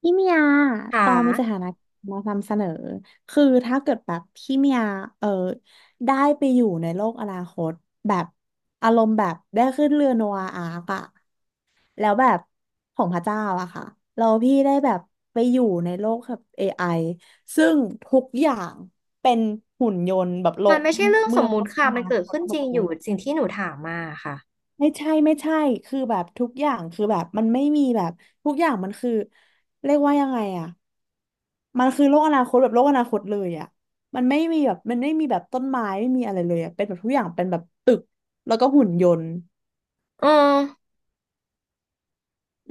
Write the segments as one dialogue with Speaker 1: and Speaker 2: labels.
Speaker 1: พี่เมีย
Speaker 2: ค่
Speaker 1: ตองมีสถา
Speaker 2: ะ
Speaker 1: นะมานำเสนอ คือถ้าเกิดแบบพี่เมียเออได้ไปอยู่ในโลกอนาคตแบบอารมณ์แบบได้ขึ้นเรือโนอาอาร์กอะแล้วแบบของพระเจ้าอะค่ะ เราพี่ได้แบบไปอยู่ในโลกแบบ AI ซึ่งทุกอย่างเป็นหุ่นยนต์แบบโล
Speaker 2: มัน
Speaker 1: ก
Speaker 2: ไม่ใช่เรื่อง
Speaker 1: เมื
Speaker 2: ส
Speaker 1: อ
Speaker 2: ม
Speaker 1: ง
Speaker 2: มุ
Speaker 1: โล
Speaker 2: ติ
Speaker 1: กอ
Speaker 2: ค่ะ
Speaker 1: นา
Speaker 2: มันเกิด
Speaker 1: คต
Speaker 2: ขึ้น
Speaker 1: หม
Speaker 2: จ
Speaker 1: ด
Speaker 2: ริง
Speaker 1: เล
Speaker 2: อยู่
Speaker 1: ย
Speaker 2: สิ่งที่หนูถามมาค่ะ
Speaker 1: ไม่ใช่ไม่ใช่คือแบบทุกอย่างคือแบบมันไม่มีแบบทุกอย่างมันคือเรียกว่ายังไงอะมันคือโลกอนาคตแบบโลกอนาคตเลยอะมันไม่มีแบบมันไม่มีแบบต้นไม้ไม่มีอะไรเลยอะเป็นแบบทุกอย่างเป็นแบบตึกแล้วก็หุ่นยนต์
Speaker 2: เออ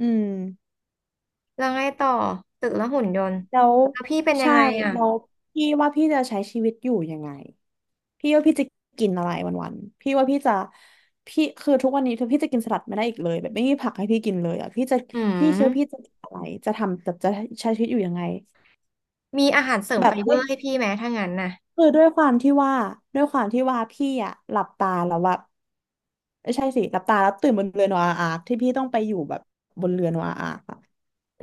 Speaker 1: อืม
Speaker 2: แล้วไงต่อตึกและหุ่นยนต์
Speaker 1: แล้ว
Speaker 2: แล้วพี่เป็นยัง
Speaker 1: ใช่
Speaker 2: ไงอ่ะ
Speaker 1: แล้วพี่ว่าพี่จะใช้ชีวิตอยู่ยังไงพี่ว่าพี่จะกินอะไรวันๆพี่ว่าพี่จะพี่คือทุกวันนี้คือพี่จะกินสลัดไม่ได้อีกเลยแบบไม่มีผักให้พี่กินเลยอ่ะพี่จะ
Speaker 2: อื
Speaker 1: พี่คิดว่าพี่จะ
Speaker 2: ม
Speaker 1: กินอะไรจะทำจะใช้ชีวิตอยู่ยังไง
Speaker 2: มีอาหารเสริม
Speaker 1: แบ
Speaker 2: ไฟ
Speaker 1: บ
Speaker 2: เบอ
Speaker 1: ไม่
Speaker 2: ร์ให้พี่ไหมถ้างั้นน่ะ
Speaker 1: คือด้วยความที่ว่าด้วยความที่ว่าพี่อ่ะหลับตาแล้วว่าไม่ใช่สิหลับตาแล้วตื่นบนเรือโนอาอาร์คที่พี่ต้องไปอยู่แบบบนเรือโนอาอาร์ค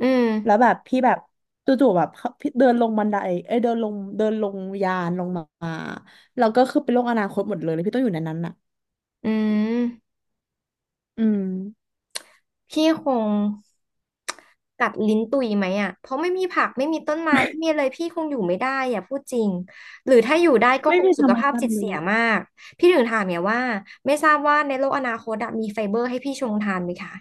Speaker 2: อื
Speaker 1: แล้ว
Speaker 2: ม
Speaker 1: แบบพี่แบบจู่ๆแบบพี่เดินลงบันไดเอ้ยเดินลงเดินลงยานลงมาแล้วก็คือเป็นโลกอนาคตหมดเลยแล้วพี่ต้องอยู่ในนั้นน่ะ
Speaker 2: อืม
Speaker 1: อืม
Speaker 2: พี่คงกัดลิ้นตุยไหมอ่ะเพราะไม่มีผักไม่มีต้นไม้ไม่มีอะไรพี่คงอยู่ไม่ได้อ่ะพูดจริงหรือถ้าอยู่ได้ก็
Speaker 1: ไม่
Speaker 2: คง
Speaker 1: มี
Speaker 2: สุ
Speaker 1: ธร
Speaker 2: ข
Speaker 1: รม
Speaker 2: ภาพ
Speaker 1: ชา
Speaker 2: จิ
Speaker 1: ติ
Speaker 2: ต
Speaker 1: เล
Speaker 2: เสีย
Speaker 1: ย
Speaker 2: มากพี่ถึงถามเนี่ยว่าไม่ทราบว่าในโลกอนาคตอะมีไฟเบอร์ให้พี่ชงทานไหมคะ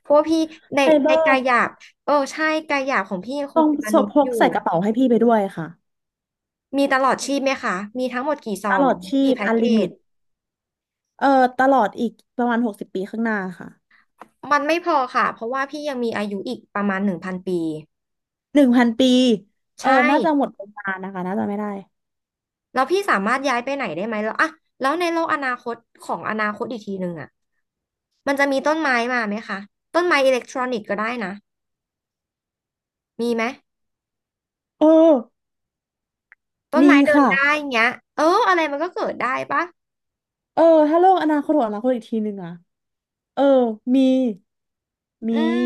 Speaker 2: เพราะว่าพี่ใน
Speaker 1: ไฟเบ
Speaker 2: ใน
Speaker 1: อ
Speaker 2: กา
Speaker 1: ร์
Speaker 2: ยหยาบเออใช่กายหยาบของพี่ยังค
Speaker 1: ต้
Speaker 2: ง
Speaker 1: อง
Speaker 2: เป็นมนุษ
Speaker 1: พ
Speaker 2: ย์อ
Speaker 1: ก
Speaker 2: ยู่
Speaker 1: ใส่กระเป๋าให้พี่ไปด้วยค่ะ
Speaker 2: มีตลอดชีพไหมคะมีทั้งหมดกี่ซอ
Speaker 1: ตล
Speaker 2: ง
Speaker 1: อดชี
Speaker 2: กี่
Speaker 1: พ
Speaker 2: แพ็ก
Speaker 1: อัน
Speaker 2: เก
Speaker 1: ลิมิ
Speaker 2: จ
Speaker 1: ตเออตลอดอีกประมาณ60 ปีข้างหน้าค่ะ
Speaker 2: มันไม่พอค่ะเพราะว่าพี่ยังมีอายุอีกประมาณหนึ่งพันปี
Speaker 1: 1,000 ปี
Speaker 2: ใช่
Speaker 1: น่าจะหมดประมาณนะคะน่าจะไม่ได้
Speaker 2: แล้วพี่สามารถย้ายไปไหนได้ไหมแล้วอะแล้วในโลกอนาคตของอนาคตอีกทีหนึ่งอะมันจะมีต้นไม้มาไหมคะต้นไม้อิเล็กทรอนิกส์ก็ได้นะมีไหม
Speaker 1: เออ
Speaker 2: ต้น
Speaker 1: มี
Speaker 2: ไม้เดิน
Speaker 1: ค่ะ
Speaker 2: ได้เงี้ยเอออะไรมันก็เกิดได้ปะ
Speaker 1: เออถ้าโลกอนาคตของอนาคตอีกทีหนึ่งอะเออมี
Speaker 2: อื
Speaker 1: มี
Speaker 2: ม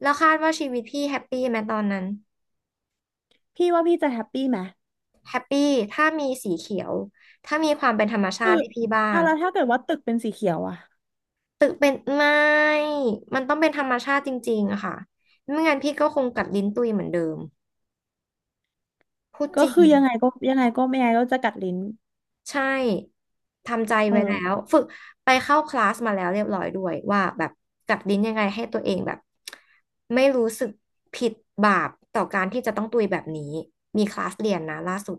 Speaker 2: แล้วคาดว่าชีวิตพี่แฮปปี้ไหมตอนนั้น
Speaker 1: พี่ว่าพี่จะแฮปปี้ไหม
Speaker 2: แฮปปี้ถ้ามีสีเขียวถ้ามีความเป็นธรรมชา
Speaker 1: คือ
Speaker 2: ติให้พี่บ้า
Speaker 1: อ่ะ
Speaker 2: ง
Speaker 1: แล้วถ้าเกิดว่าตึกเป็นสีเขียวอ่ะ
Speaker 2: ตึกเป็นไม่มันต้องเป็นธรรมชาติจริงๆอะค่ะไม่งั้นพี่ก็คงกัดลิ้นตุยเหมือนเดิมพูด
Speaker 1: ก็
Speaker 2: จริง
Speaker 1: คือยังไงก็ยังไงก็ไม่ไงก็จะกัดลิ้น
Speaker 2: ใช่ทำใจ
Speaker 1: เอ
Speaker 2: ไว้แล้ว
Speaker 1: อ
Speaker 2: ฝึกไปเข้าคลาสมาแล้วเรียบร้อยด้วยว่าแบบกัดลิ้นยังไงให้ตัวเองแบบไม่รู้สึกผิดบาปต่อการที่จะต้องตุยแบบนี้มีคลาสเรียนนะล่าสุด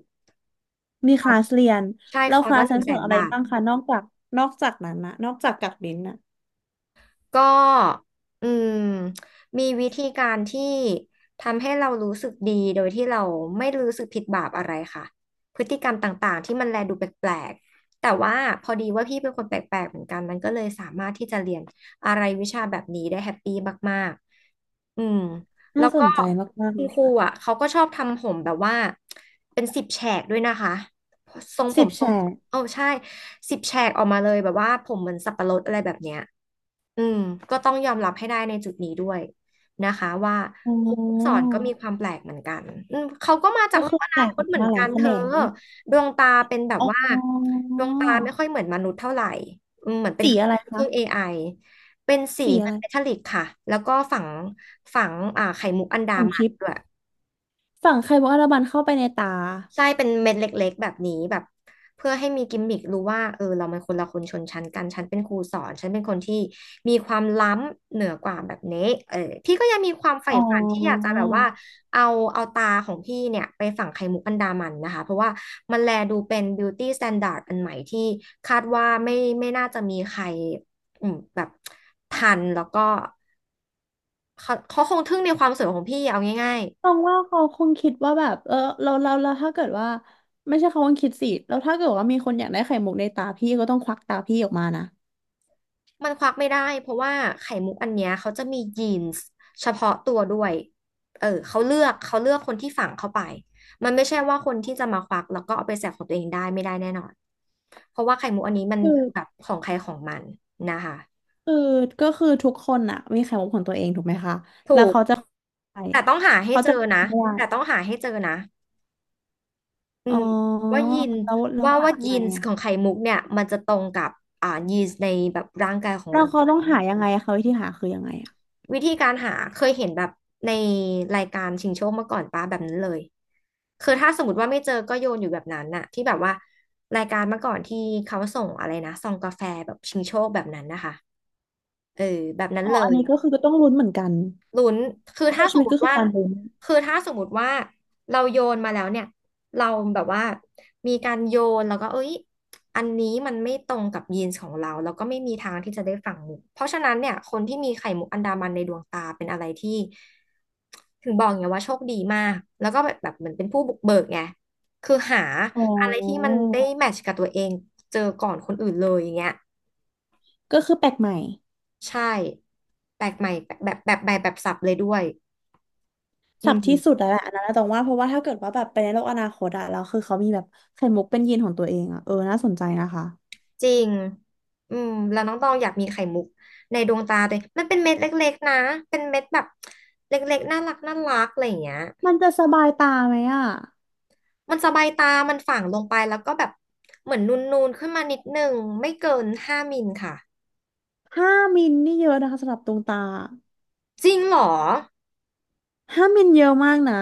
Speaker 1: มี
Speaker 2: ค
Speaker 1: ค
Speaker 2: อร์
Speaker 1: ลา
Speaker 2: ส
Speaker 1: สเรียน
Speaker 2: ใช่
Speaker 1: แล้
Speaker 2: ค
Speaker 1: ว
Speaker 2: อ
Speaker 1: ค
Speaker 2: ร์ส
Speaker 1: ลา
Speaker 2: ละ
Speaker 1: ส
Speaker 2: ห
Speaker 1: ฉั
Speaker 2: นึ่ง
Speaker 1: น
Speaker 2: แส
Speaker 1: สอน
Speaker 2: น
Speaker 1: อะไร
Speaker 2: บาท
Speaker 1: บ้างคะนอกจากนอกจากนั้นนะนอกจากกัดลิ้นนะ
Speaker 2: ก็อืมมีวิธีการที่ทำให้เรารู้สึกดีโดยที่เราไม่รู้สึกผิดบาปอะไรค่ะพฤติกรรมต่างๆที่มันแลดูแปลกๆแต่ว่าพอดีว่าพี่เป็นคนแปลกๆเหมือนกันมันก็เลยสามารถที่จะเรียนอะไรวิชาแบบนี้ได้แฮปปี้มากๆอืมแล้
Speaker 1: น่า
Speaker 2: ว
Speaker 1: ส
Speaker 2: ก็
Speaker 1: นใจมากๆ
Speaker 2: คุ
Speaker 1: เล
Speaker 2: ณ
Speaker 1: ย
Speaker 2: ครูอ่ะ
Speaker 1: ค่ะ
Speaker 2: เขาก็ชอบทำผมแบบว่าเป็นสิบแฉกด้วยนะคะทรงผ
Speaker 1: สิบ
Speaker 2: มท
Speaker 1: แฉ
Speaker 2: รง
Speaker 1: ก
Speaker 2: โอ้ใช่สิบแฉกออกมาเลยแบบว่าผมเหมือนสับปะรดอะไรแบบเนี้ยอืมก็ต้องยอมรับให้ได้ในจุดนี้ด้วยนะคะว่า
Speaker 1: อ๋
Speaker 2: ครูผู้สอ
Speaker 1: อ
Speaker 2: นก็มีความแปลกเหมือนกันอืมเขาก็มาจา
Speaker 1: ก็
Speaker 2: กโล
Speaker 1: คื
Speaker 2: ก
Speaker 1: อ
Speaker 2: อ
Speaker 1: แต
Speaker 2: นา
Speaker 1: ก
Speaker 2: ค
Speaker 1: อ
Speaker 2: ต
Speaker 1: อก
Speaker 2: เหมือ
Speaker 1: มา
Speaker 2: น
Speaker 1: หลา
Speaker 2: กั
Speaker 1: ย
Speaker 2: น
Speaker 1: แข
Speaker 2: เธ
Speaker 1: น
Speaker 2: อ
Speaker 1: ง
Speaker 2: ดวงตาเป็นแบบ
Speaker 1: อ๋อ
Speaker 2: ว่าดวงตาไม่ค่อยเหมือนมนุษย์เท่าไหร่อืมเหมือนเป็น
Speaker 1: สี
Speaker 2: เครื่
Speaker 1: อะ
Speaker 2: อง
Speaker 1: ไร
Speaker 2: เค
Speaker 1: คะ
Speaker 2: รื่อง AI เป็นสี
Speaker 1: สีอะ
Speaker 2: เงิน
Speaker 1: ไร
Speaker 2: เมทัลลิกค่ะแล้วก็ฝังไข่มุกอันดา
Speaker 1: ของ
Speaker 2: มัน
Speaker 1: ชิป
Speaker 2: ด้วย
Speaker 1: ฝั่งไคโบอาราบันเข้าไปในตา
Speaker 2: ใช่เป็นเม็ดเล็กๆแบบนี้แบบเพื่อให้มีกิมมิครู้ว่าเออเรามันคนละคนชนชั้นกันฉันเป็นครูสอนฉันเป็นคนที่มีความล้ำเหนือกว่าแบบนี้เออพี่ก็ยังมีความใฝ่
Speaker 1: อ๋
Speaker 2: ฝันที่อยาก
Speaker 1: อ
Speaker 2: จะแบบว่าเอาเอาตาของพี่เนี่ยไปฝังไข่มุกอันดามันนะคะเพราะว่ามันแลดูเป็น beauty standard อันใหม่ที่คาดว่าไม่น่าจะมีใครอืมแบบทันแล้วก็เขาคงทึ่งในความสวยของพี่เอาง่าย
Speaker 1: มองว่าเขาคงคิดว่าแบบเราถ้าเกิดว่าไม่ใช่เขาคงคิดสิแล้วถ้าเกิดว่ามีคนอยากได้ไข่มุกในตาพี่ก็ต้องควักตาพี่ออกมานะ
Speaker 2: มันควักไม่ได้เพราะว่าไข่มุกอันเนี้ยเขาจะมียีนส์เฉพาะตัวด้วยเออเขาเลือกคนที่ฝังเข้าไปมันไม่ใช่ว่าคนที่จะมาควักแล้วก็เอาไปแสกของตัวเองได้ไม่ได้แน่นอนเพราะว่าไข่มุกอันนี้มัน
Speaker 1: คือ
Speaker 2: คือแบบของใครของมันนะคะ
Speaker 1: คือก็คือทุกคนอะมีไข่มุกของตัวเองถูกไหมคะ
Speaker 2: ถูก
Speaker 1: ใช่
Speaker 2: แต่ต้องหาให้
Speaker 1: เขา
Speaker 2: เจอ
Speaker 1: จะไม่
Speaker 2: นะ
Speaker 1: ได้
Speaker 2: แต่ต้องหาให้เจอนะอื
Speaker 1: อ๋อ
Speaker 2: มว่ายีน
Speaker 1: แล้วแล้ว
Speaker 2: ว่า
Speaker 1: หา
Speaker 2: ว่า
Speaker 1: ยัง
Speaker 2: ยี
Speaker 1: ไง
Speaker 2: น
Speaker 1: อะ
Speaker 2: ของไข่มุกเนี่ยมันจะตรงกับยีนในแบบร่างกายของ
Speaker 1: เรา
Speaker 2: เรา
Speaker 1: เขาต้องหายังไงอะเขาวิธีหาคือยังไงอะ
Speaker 2: วิธีการหาเคยเห็นแบบในรายการชิงโชคมาก่อนป้าแบบนั้นเลยคือถ้าสมมติว่าไม่เจอก็โยนอยู่แบบนั้นน่ะที่แบบว่ารายการเมื่อก่อนที่เขาส่งอะไรนะซองกาแฟแบบชิงโชคแบบนั้นนะคะเออแบบนั้น
Speaker 1: อ๋อ
Speaker 2: เล
Speaker 1: อัน
Speaker 2: ย
Speaker 1: นี้ก็คือก็ต้องลุ้นเหมือนกัน
Speaker 2: ลุ้นคือ
Speaker 1: ก็
Speaker 2: ถ้า
Speaker 1: คือ
Speaker 2: ส
Speaker 1: ชี
Speaker 2: ม
Speaker 1: วิต
Speaker 2: ม
Speaker 1: ก็
Speaker 2: ติ
Speaker 1: คือ
Speaker 2: ว่า
Speaker 1: การลุ้น
Speaker 2: คือถ้าสมมติว่าเราโยนมาแล้วเนี่ยเราแบบว่ามีการโยนแล้วก็เอ้ยอันนี้มันไม่ตรงกับยีนส์ของเราแล้วก็ไม่มีทางที่จะได้ฝั่งมุกเพราะฉะนั้นเนี่ยคนที่มีไข่มุกอันดามันในดวงตาเป็นอะไรที่ถึงบอกไงว่าโชคดีมากแล้วก็แบบแบบเหมือนเป็นผู้บุกเบิกไงคือหา
Speaker 1: อ๋อ
Speaker 2: อะไรที่มันได้แมทช์กับตัวเองเจอก่อนคนอื่นเลยอย่างเงี้ย
Speaker 1: ก็คือแปลกใหม่
Speaker 2: ใช่แปลกใหม่แบบสับเลยด้วยอื
Speaker 1: สับ
Speaker 2: ม
Speaker 1: ที่สุดแล้วแหละอันนั้นนะตรงว่าเพราะว่าถ้าเกิดว่าแบบไปในโลกอนาคตอะแล้วคือเขามีแบบไข่มุกเป็นยีนของตัวเองอะน่าสนใจนะคะ
Speaker 2: จริงอืมแล้วน้องตองอยากมีไข่มุกในดวงตาตัวเองมันเป็นเม็ดเล็กๆนะ เป็นเม็ดแบบเล็กๆน่ารักน่ารักอะไรอย่างเงี้ย
Speaker 1: มันจะสบายตาไหมอะ
Speaker 2: มันสบายตามันฝังลงไปแล้วก็แบบเหมือนนูนๆขึ้นมานิดนึงไม่เกินห้ามิลค่ะ
Speaker 1: ห้ามิลนี่เยอะนะคะสำหรับดวงตา
Speaker 2: จริงเหรอ
Speaker 1: ห้ามิลเยอะมากนะ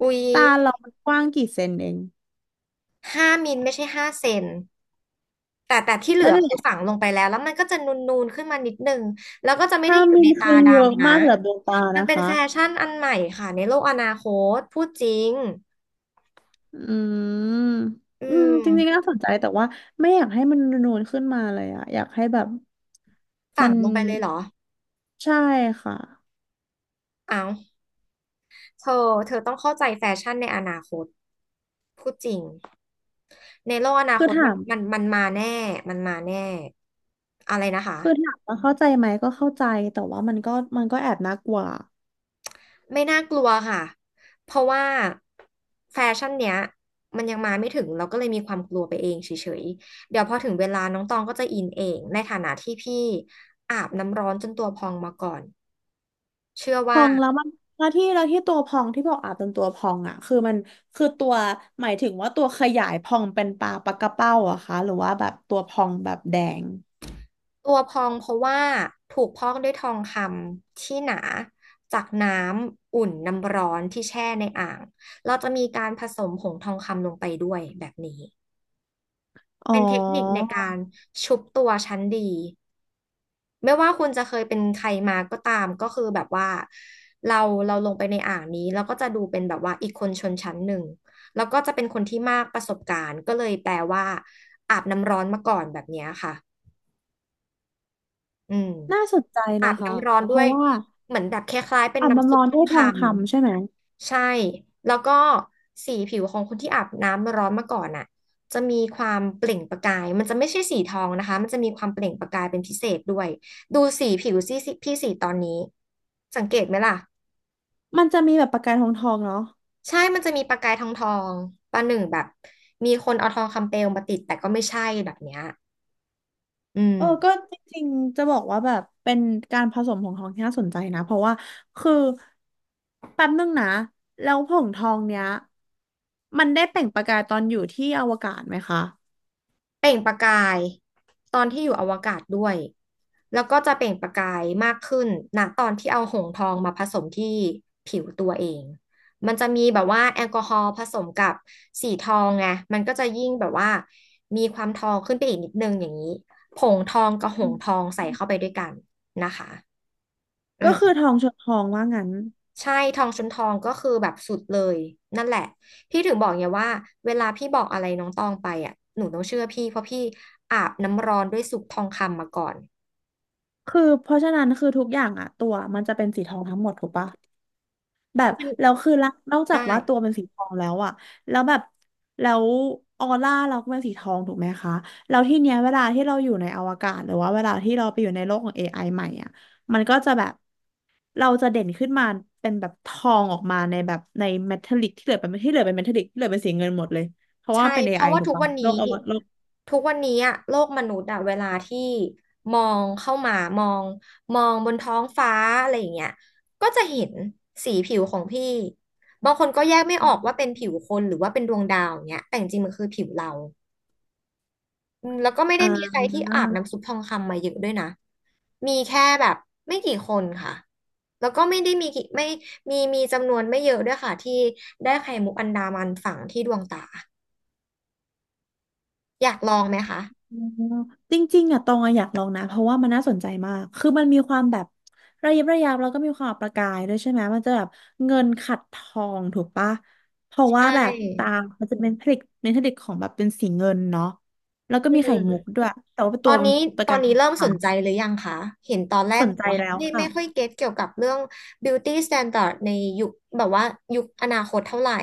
Speaker 2: อุ๊ย
Speaker 1: ตาเรามันกว้างกี่เซนเอง
Speaker 2: 5 มิลไม่ใช่5 เซนแต่ที่เหลื
Speaker 1: นั่
Speaker 2: อ
Speaker 1: นแห
Speaker 2: คือ
Speaker 1: ละ
Speaker 2: ฝังลงไปแล้วแล้วมันก็จะนูนๆขึ้นมานิดนึงแล้วก็จะไม่ได้
Speaker 1: ห้า
Speaker 2: อยู่
Speaker 1: มิ
Speaker 2: ใน
Speaker 1: ล
Speaker 2: ตา
Speaker 1: คือเยอะ
Speaker 2: ดำนะ
Speaker 1: มากสำหรับดวงตา
Speaker 2: มัน
Speaker 1: นะ
Speaker 2: เป็น
Speaker 1: คะ
Speaker 2: แฟชั่นอันใหม่ค่ะในโลกอนาคตพูดจริง
Speaker 1: อืม
Speaker 2: อื
Speaker 1: อืมจริงๆ
Speaker 2: ม
Speaker 1: น่าสนใจแต่ว่าไม่อยากให้มันนูนขึ้นมาเลยอะอยากให้แบบมั
Speaker 2: ฝัง
Speaker 1: น
Speaker 2: ลงไปเลยเหรอ
Speaker 1: ใช่ค่ะ
Speaker 2: อ้าวเธอ เธอต้องเข้าใจแฟชั่นในอนาคต พูดจริง ในโลกอนา
Speaker 1: คื
Speaker 2: ค
Speaker 1: อ
Speaker 2: ต
Speaker 1: ถา
Speaker 2: มัน
Speaker 1: ม
Speaker 2: มันมันมาแน่มันมาแน่ อะไรนะคะ
Speaker 1: คือถามว่าเข้าใจไหมก็เข้าใจแต่ว่ามันก็มันก็แอบน่ากลัว
Speaker 2: ไม่น่ากลัวค่ะ เพราะว่าแฟชั่นเนี้ยมันยังมาไม่ถึงเราก็เลยมีความกลัวไปเองเฉยๆ เดี๋ยวพอถึงเวลาน้องตองก็จะอินเอง ในฐานะที่พี่อาบน้ำร้อนจนตัวพองมาก่อนเชื่อ
Speaker 1: พ
Speaker 2: ว่า
Speaker 1: องแล้วมันแล้วที่แล้วที่ตัวพองที่บอกอาจเป็นตัวพองอ่ะคือมันคือหมายถึงว่าตัวขยายพองเป็นปลาปลากระเป้าอะคะหรือว่าแบบตัวพองแบบแดง
Speaker 2: ตัวพองเพราะว่าถูกพอกด้วยทองคำที่หนาจากน้ำอุ่นน้ำร้อนที่แช่ในอ่างเราจะมีการผสมผงทองคำลงไปด้วยแบบนี้
Speaker 1: อ๋อ
Speaker 2: เป็นเทคนิคในการชุบตัวชั้นดีไม่ว่าคุณจะเคยเป็นใครมาก็ตามก็คือแบบว่าเราเราลงไปในอ่างนี้เราก็จะดูเป็นแบบว่าอีกคนชนชั้นหนึ่งแล้วก็จะเป็นคนที่มากประสบการณ์ก็เลยแปลว่าอาบน้ำร้อนมาก่อนแบบเนี้ยค่ะอืม
Speaker 1: น่าสนใจ
Speaker 2: อา
Speaker 1: นะ
Speaker 2: บ
Speaker 1: คะ
Speaker 2: น้ำร้อน
Speaker 1: เพ
Speaker 2: ด้ว
Speaker 1: ราะ
Speaker 2: ย
Speaker 1: ว่า
Speaker 2: เหมือนแบบคล้ายๆเป็น
Speaker 1: อาจมัน
Speaker 2: น้ำซุ
Speaker 1: ร้
Speaker 2: ป
Speaker 1: อน
Speaker 2: ทอ
Speaker 1: ด้
Speaker 2: ง
Speaker 1: วย
Speaker 2: ค
Speaker 1: ทองคำใช่ไหม
Speaker 2: ำใช่แล้วก็สีผิวของคนที่อาบน้ำร้อนมาก่อนอ่ะจะมีความเปล่งประกายมันจะไม่ใช่สีทองนะคะมันจะมีความเปล่งประกายเป็นพิเศษด้วยดูสีผิวสิพี่สีตอนนี้สังเกตไหมล่ะ
Speaker 1: มันจะมีแบบประกายทองทองเนาะ
Speaker 2: ใช่มันจะมีประกายทองทองประหนึ่งแบบมีคนเอาทองคำเปลวมาติดแต่ก็ไม่ใช่แบบเนี้ยอืม
Speaker 1: ก็จริงๆจะบอกว่าแบบเป็นการผสมของทองที่น่าสนใจนะเพราะว่าคือแป๊บนึงนะแล้วผงทองเนี้ยมันได้เปล่งประกายตอนอยู่ที่อวกาศไหมคะ
Speaker 2: เปล่งประกายตอนที่อยู่อวกาศด้วยแล้วก็จะเปล่งประกายมากขึ้นณตอนที่เอาหงส์ทองมาผสมที่ผิวตัวเองมันจะมีแบบว่าแอลกอฮอล์ผสมกับสีทองไงมันก็จะยิ่งแบบว่ามีความทองขึ้นไปอีกนิดนึงอย่างนี้ผงทองกับห
Speaker 1: อื
Speaker 2: งส์ทอ
Speaker 1: ม
Speaker 2: งใส่เข้าไปด้วยกันนะคะอื
Speaker 1: ก็คือท
Speaker 2: ม
Speaker 1: องชนทองว่างั้น
Speaker 2: ใช่ทองชนทองก็คือแบบสุดเลยนั่นแหละพี่ถึงบอกไงว่าเวลาพี่บอกอะไรน้องตองไปอ่ะหนูต้องเชื่อพี่เพราะพี่อาบน้ำร้อนด้วยสุกทองคำมาก่อน
Speaker 1: คือเพราะฉะนั้นคือทุกอย่างอะตัวมันจะเป็นสีทองทั้งหมดถูกปะ แบบ
Speaker 2: มัน
Speaker 1: แล้วคือละนอกจา
Speaker 2: ได้
Speaker 1: กว่าตัวเป็นสีทองแล้วอะแล้วแบบแล้วออร่าเราก็เป็นสีทองถูกไหมคะแล้วที่เนี้ยเวลาที่เราอยู่ในอวกาศหรือว่าเวลาที่เราไปอยู่ในโลกของ a อไอใหม่อะมันก็จะแบบเราจะเด่นขึ้นมาเป็นแบบทองออกมาในแบบในเมทัลลิกที่เหลือเป็นที่เหลือเป็นเมทัลลิกที่เหลือเป็นสีเงินหมดเลยเพราะว่า
Speaker 2: ใช่
Speaker 1: เป็น
Speaker 2: เพ
Speaker 1: AI
Speaker 2: ราะว่า
Speaker 1: ถูก
Speaker 2: ทุก
Speaker 1: ปะ
Speaker 2: วัน
Speaker 1: โล
Speaker 2: นี้
Speaker 1: กอวโลก
Speaker 2: ทุกวันนี้อะโลกมนุษย์อะเวลาที่มองเข้ามามองมองบนท้องฟ้าอะไรอย่างเงี้ยก็จะเห็นสีผิวของพี่บางคนก็แยกไม่ออกว่าเป็นผิวคนหรือว่าเป็นดวงดาวอย่างเงี้ยแต่จริงๆมันคือผิวเรา อืมแล้วก็ไม่
Speaker 1: อ่
Speaker 2: ได้มีใครที่อาบน้ำ
Speaker 1: า
Speaker 2: ซุปทองคำมาเยอะด้วยนะ มีแค่แบบไม่กี่คนค่ะ แล้วก็ไม่ได้มีกี่ไม่มีจำนวนไม่เยอะด้วยค่ะที่ได้ไข่มุกอันดามันฝังที่ดวงตาอยากลองไหมคะ
Speaker 1: อ๋อจริงๆอ่ะตองอะอยากลองนะเพราะว่ามันน่าสนใจมากคือมันมีความแบบระยิบระยับแล้วก็มีความประกายด้วยใช่ไหมมันจะแบบเงินขัดทองถูกปะเพราะว่า
Speaker 2: ใช่
Speaker 1: แบบตามันจะเป็นผลิตเป็นผลิตของแบบเป็นสีเงินเนาะแล้วก็
Speaker 2: อื
Speaker 1: มีไข่
Speaker 2: ม
Speaker 1: มุกด้วยแต่ว่า
Speaker 2: ต
Speaker 1: ตั
Speaker 2: อ
Speaker 1: ว
Speaker 2: น
Speaker 1: มัน
Speaker 2: นี้
Speaker 1: ประ
Speaker 2: ตอ
Speaker 1: กาย
Speaker 2: นนี้
Speaker 1: เป็น
Speaker 2: เริ่ม
Speaker 1: ทอ
Speaker 2: สน
Speaker 1: งค
Speaker 2: ใจหรือยังคะเห็นตอนแร
Speaker 1: ำส
Speaker 2: ก
Speaker 1: น
Speaker 2: บอ
Speaker 1: ใจ
Speaker 2: กว่า
Speaker 1: แล้ว
Speaker 2: ไม่
Speaker 1: ค่ะ
Speaker 2: ไม่ค่อยเก็ตเกี่ยวกับเรื่อง beauty standard ในยุคแบบว่ายุคอนาคตเท่าไหร่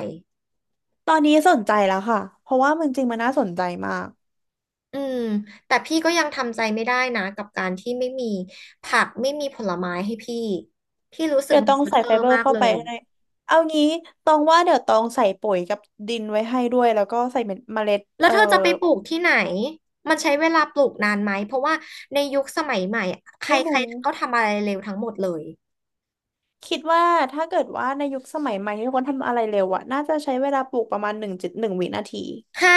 Speaker 1: ตอนนี้สนใจแล้วค่ะเพราะว่ามันจริงมันน่าสนใจมาก
Speaker 2: อืมแต่พี่ก็ยังทำใจไม่ได้นะกับการที่ไม่มีผักไม่มีผลไม้ให้พี่พี่รู้สึก
Speaker 1: เดี๋ยว
Speaker 2: มัน
Speaker 1: ต้อง
Speaker 2: ซัฟ
Speaker 1: ใส่
Speaker 2: เฟอ
Speaker 1: ไฟ
Speaker 2: ร์
Speaker 1: เบอ
Speaker 2: มา
Speaker 1: ร์
Speaker 2: ก
Speaker 1: เข้า
Speaker 2: เล
Speaker 1: ไป
Speaker 2: ย
Speaker 1: ให้เอางี้ตองว่าเดี๋ยวตองใส่ปุ๋ยกับดินไว้ให้ด้วยแล้วก็ใส่เม็ดเมล็ด
Speaker 2: แล้วเธอจะไปปลูกที่ไหนมันใช้เวลาปลูกนานไหมเพราะว่าในยุคสมัยใหม่อะใคร
Speaker 1: ไม่
Speaker 2: ใคร
Speaker 1: รู้
Speaker 2: ก็ทำอะไรเร็วทั้งหมดเลย
Speaker 1: คิดว่าถ้าเกิดว่าในยุคสมัยใหม่ที่คนทำอะไรเร็วอะน่าจะใช้เวลาปลูกประมาณ1.1 วินาที
Speaker 2: ฮะ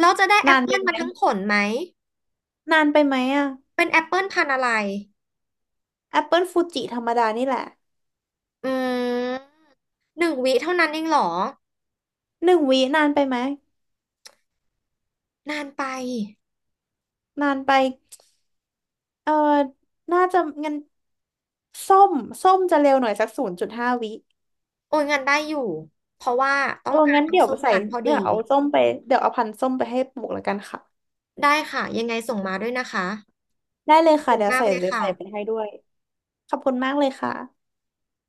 Speaker 2: เราจะได้แอ
Speaker 1: นา
Speaker 2: ป
Speaker 1: นไป
Speaker 2: เปิล
Speaker 1: ไห
Speaker 2: มา
Speaker 1: ม
Speaker 2: ทั้งผลไหม
Speaker 1: นานไปไหมอะ
Speaker 2: เป็นแอปเปิลพันธุ์อะไร
Speaker 1: แอปเปิลฟูจิธรรมดานี่แหละ
Speaker 2: อืม1 วิเท่านั้นเองเหรอ
Speaker 1: หนึ่งวินานไปไหม
Speaker 2: นานไป
Speaker 1: นานไปเออน่าจะงั้นส้มส้มจะเร็วหน่อยสัก0.5 วิ
Speaker 2: โอ้ยงานได้อยู่เพราะว่าต้อ
Speaker 1: เออ
Speaker 2: งการ
Speaker 1: งั้นเดี๋ย
Speaker 2: น้ำ
Speaker 1: ว
Speaker 2: ส้ม
Speaker 1: ใส่
Speaker 2: คั้นพอดี
Speaker 1: เดี๋ยวเอาส้มไปเดี๋ยวเอาพันธุ์ส้มไปให้ปลูกแล้วกันค่ะ
Speaker 2: ได้ค่ะยังไงส่งมาด้วยนะคะ
Speaker 1: ได้เลย
Speaker 2: ขอบ
Speaker 1: ค่ะ
Speaker 2: คุณ
Speaker 1: เดี๋ยว
Speaker 2: มาก
Speaker 1: ใส่
Speaker 2: เลย
Speaker 1: เดี๋ยว
Speaker 2: ค่ะ
Speaker 1: ใส่ไปให้ด้วยขอบคุณมากเลยค่ะ